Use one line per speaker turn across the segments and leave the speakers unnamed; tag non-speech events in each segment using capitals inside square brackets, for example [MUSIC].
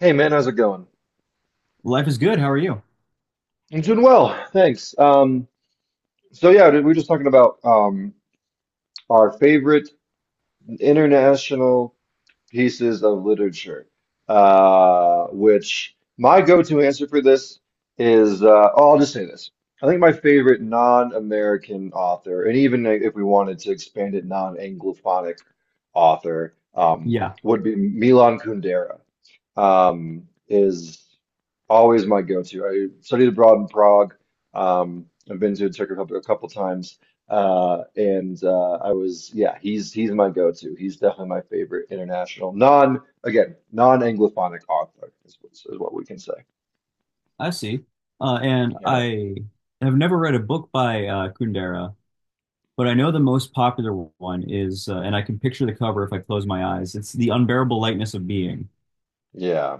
Hey man, how's it going?
Life is good. How are you?
I'm doing well, thanks. So yeah, we were just talking about our favorite international pieces of literature, which my go-to answer for this is, oh, I'll just say this. I think my favorite non-American author, and even if we wanted to expand it, non-Anglophonic author,
Yeah,
would be Milan Kundera is always my go-to. I studied abroad in Prague. I've been to Turkey a couple times, and I was, yeah, he's my go-to. He's definitely my favorite international, non again, non-Anglophonic author is what we can say.
I see. Uh, and
Yeah,
I have never read a book by Kundera, but I know the most popular one is, and I can picture the cover if I close my eyes. It's The Unbearable Lightness of Being.
yeah,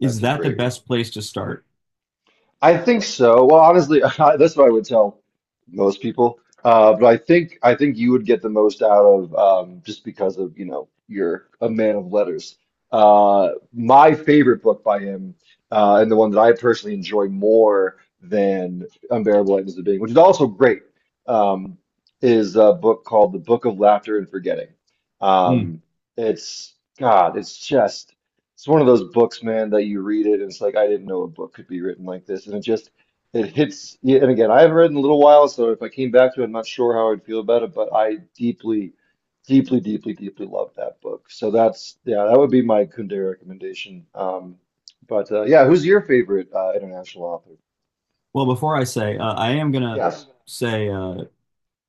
that's
Is
a
that the
great one.
best place to start?
I think so. Well, honestly, [LAUGHS] that's what I would tell most people. But I think you would get the most out of just because of, you know, you're a man of letters. My favorite book by him, and the one that I personally enjoy more than Unbearable Lightness of Being, which is also great, um, is a book called The Book of Laughter and Forgetting.
Mm.
Um, it's God, it's just. It's one of those books, man, that you read it and it's like, I didn't know a book could be written like this. And it just, it hits you. And again, I haven't read in a little while, so if I came back to it, I'm not sure how I'd feel about it, but I deeply, deeply, deeply, deeply love that book. So that's, yeah, that would be my Kundera recommendation. But yeah, who's your favorite international author?
Well, before I say, I am gonna
Yes, let's.
say,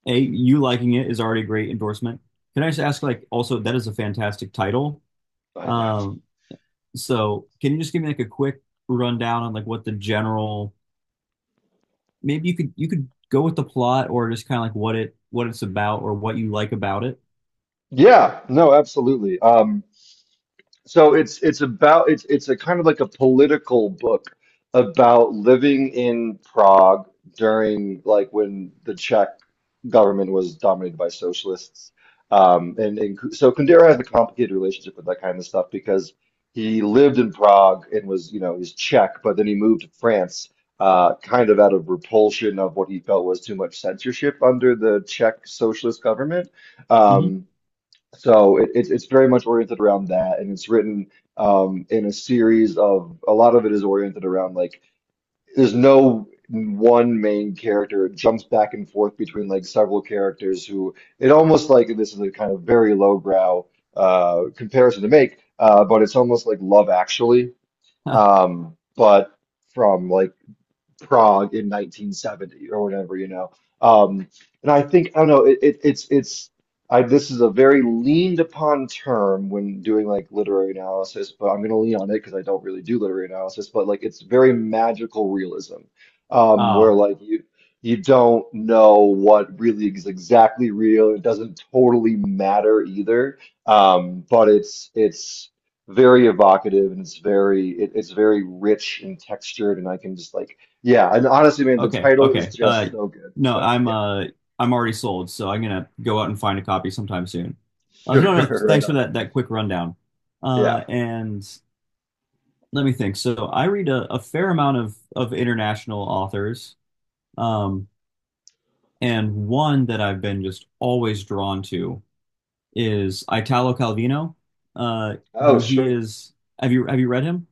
A, you liking it is already a great endorsement. Can I just ask, like, also, that is a fantastic title. Um, so can you just give me like a quick rundown on like what the general maybe you could go with the plot or just kind of like what it's about or what you like about it.
Yeah, no, absolutely. So it's about it's a kind of like a political book about living in Prague during like when the Czech government was dominated by socialists. So Kundera has a complicated relationship with that kind of stuff because he lived in Prague and was, you know, he's Czech, but then he moved to France, kind of out of repulsion of what he felt was too much censorship under the Czech socialist government.
Mhm.
Um, so it's very much oriented around that, and it's written in a series of a lot of it is oriented around like there's no one main character. It jumps back and forth between like several characters who it almost like this is a kind of very lowbrow comparison to make, but it's almost like Love Actually,
[LAUGHS]
but from like Prague in 1970 or whatever, you know. Um, and I think, I don't know, it, it's, I, this is a very leaned upon term when doing like literary analysis, but I'm going to lean on it because I don't really do literary analysis, but like it's very magical realism, where
Ah,
like you don't know what really is exactly real. It doesn't totally matter either. Um, but it's, it's, very evocative and it's very it's very rich and textured and I can just like yeah, and honestly, man, the
okay,
title
okay.
is
Uh,
just so good.
no,
So
I'm
yeah,
uh I'm already sold, so I'm gonna go out and find a copy sometime soon.
[LAUGHS] sure,
No, no,
right
thanks for
on.
that quick rundown. Uh,
Yeah.
and let me think. So I read a fair amount of international authors, um, and one that I've been just always drawn to is Italo Calvino, uh,
Oh,
who he
sure.
is. Have you read him?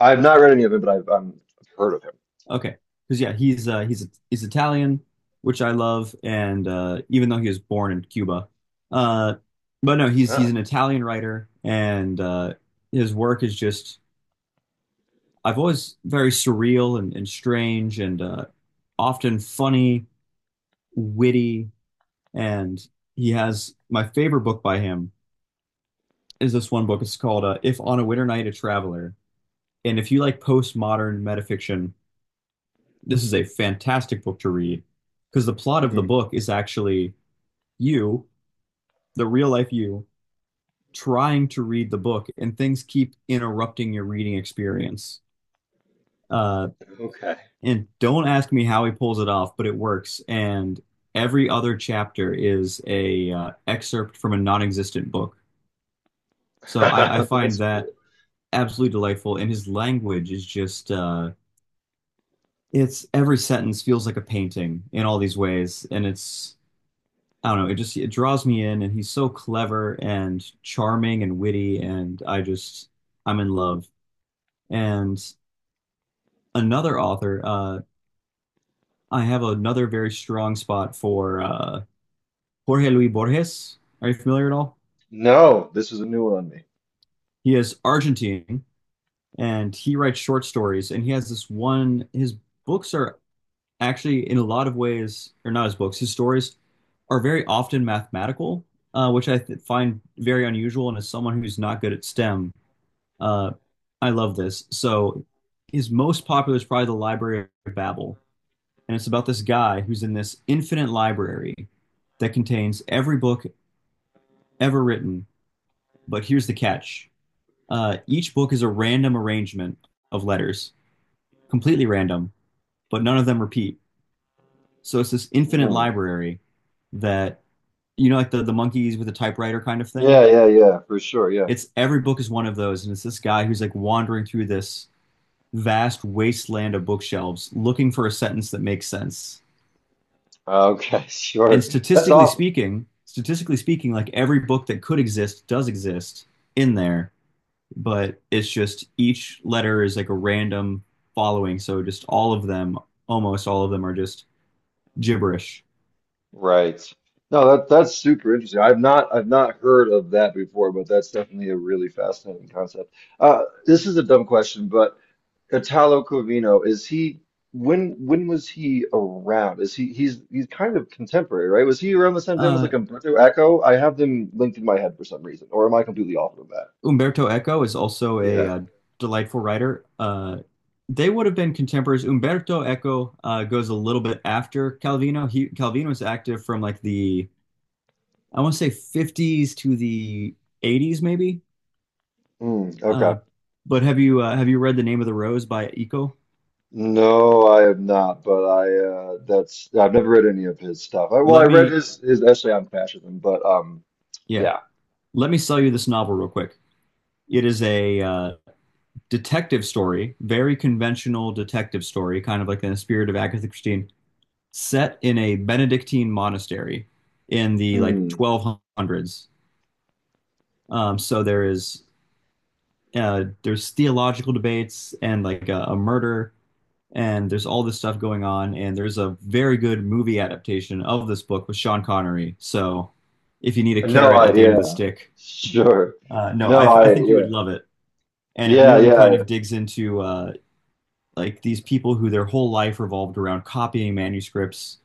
I've not read any of it, but I've heard of him.
Okay, because yeah, he's he's Italian, which I love, and even though he was born in Cuba, uh, but no, he's
Oh.
an Italian writer, and his work is just I've always very surreal and strange and often funny, witty, and he has my favorite book by him is this one book. It's called "If on a Winter Night a Traveler." And if you like postmodern metafiction, this is a fantastic book to read because the plot of the
Hmm.
book is actually you, the real life you, trying to read the book, and things keep interrupting your reading experience. Uh,
Okay.
and don't ask me how he pulls it off, but it works. And every other chapter is a excerpt from a non-existent book.
[LAUGHS]
So I find
That's cool.
that absolutely delightful, and his language is just it's every sentence feels like a painting in all these ways and it's I don't know, it just it draws me in and he's so clever and charming and witty and I just I'm in love. And another author, I have another very strong spot for Jorge Luis Borges. Are you familiar at all?
No, this is a new one on me.
He is Argentine and he writes short stories and he has this one his books are actually, in a lot of ways, or not his books, his stories are very often mathematical, which I th find very unusual. And as someone who's not good at STEM, uh, I love this. So his most popular is probably The Library of Babel. And it's about this guy who's in this infinite library that contains every book ever written. But here's the catch. Each book is a random arrangement of letters, completely random, but none of them repeat. So it's this infinite
Hmm.
library that you know, like the monkeys with the typewriter kind of
Yeah,
thing.
yeah, yeah, for sure. Yeah.
It's every book is one of those, and it's this guy who's like wandering through this vast wasteland of bookshelves looking for a sentence that makes sense.
Okay, [LAUGHS]
And
sure. That's awesome.
statistically speaking, like every book that could exist does exist in there, but it's just each letter is like a random following. So just all of them, almost all of them, are just gibberish.
Right. No, that that's super interesting. I've not heard of that before, but that's definitely a really fascinating concept. This is a dumb question, but Italo Calvino, is he when was he around? Is he he's kind of contemporary, right? Was he around the same time as
Uh,
like Umberto Eco? I have them linked in my head for some reason, or am I completely off of that?
Umberto Eco is also a
Yeah.
delightful writer. They would have been contemporaries. Umberto Eco goes a little bit after Calvino. He Calvino was active from like the I want to say 50s to the 80s maybe.
Mm, okay.
Uh, but have you read The Name of the Rose by Eco?
No, I have not, but I that's I've never read any of his stuff. I, well, I
Let
read
me
his essay on fascism, but
yeah,
yeah.
let me sell you this novel real quick. It is a detective story, very conventional detective story, kind of like in the spirit of Agatha Christie, set in a Benedictine monastery in the like
Mm.
1200s. So there is there's theological debates and like a murder, and there's all this stuff going on, and there's a very good movie adaptation of this book with Sean Connery. So if you need a
No,
carrot
I
at the end of the
yeah.
stick,
Sure.
no,
No,
I, th- I
I
think you
yeah.
would love it. And it
Yeah,
really kind
yeah.
of digs into like these people who their whole life revolved around copying manuscripts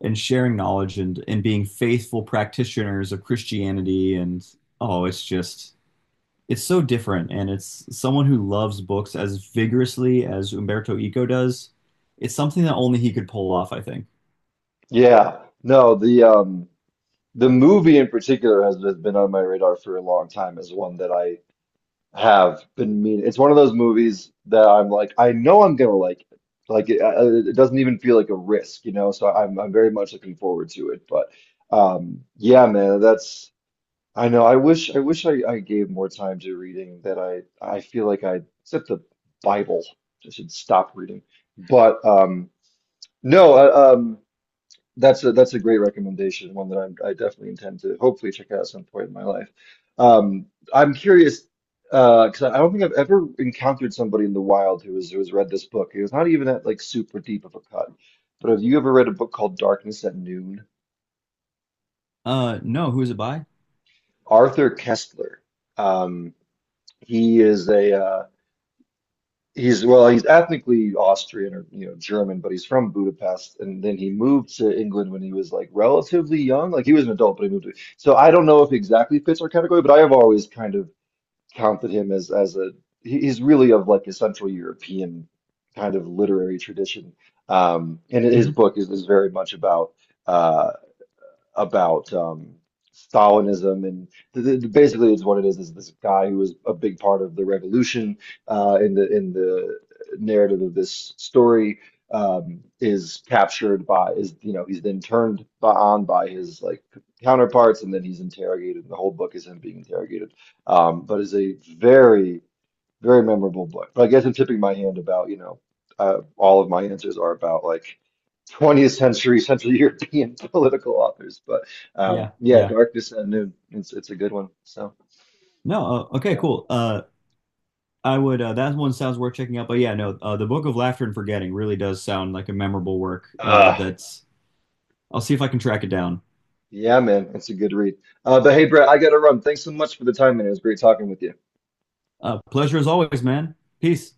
and sharing knowledge and being faithful practitioners of Christianity, and oh it's just it's so different, and it's someone who loves books as vigorously as Umberto Eco does. It's something that only he could pull off, I think.
Yeah. No, the movie in particular has been on my radar for a long time as one that I have been meaning. It's one of those movies that I'm like, I know I'm gonna like it. Like it, it doesn't even feel like a risk, you know. So I'm very much looking forward to it. But yeah, man, that's I know. I wish I gave more time to reading. That I feel like I except the Bible, I should stop reading. But no, um. That's a great recommendation, one that I'm, I definitely intend to hopefully check out at some point in my life. Um, I'm curious because I don't think I've ever encountered somebody in the wild who has read this book. It was not even at like super deep of a cut. But have you ever read a book called Darkness at Noon?
No, who is it by?
Arthur Kessler. Um, he is a He's well, he's ethnically Austrian or you know German, but he's from Budapest, and then he moved to England when he was like relatively young. Like he was an adult, but he moved to. So I don't know if he exactly fits our category, but I have always kind of counted him as a he- he's really of like a Central European kind of literary tradition. And his
Hmm.
book is very much about uh, about um, Stalinism, and basically, it's what it is this guy who was a big part of the revolution in the narrative of this story is captured by is you know he's then turned by, on by his like counterparts, and then he's interrogated. The whole book is him being interrogated, but is a very very memorable book. But I guess I'm tipping my hand about you know all of my answers are about like 20th century Central European [LAUGHS] political authors. But
Yeah,
yeah,
yeah.
Darkness at Noon. It's a good one. So
No, okay,
yeah.
cool. I would that one sounds worth checking out, but yeah, no, The Book of Laughter and Forgetting really does sound like a memorable work. Uh
Uh,
that's I'll see if I can track it down.
yeah, man, it's a good read. But hey, Brett, I gotta run. Thanks so much for the time, man. It was great talking with you.
Uh, pleasure as always, man. Peace.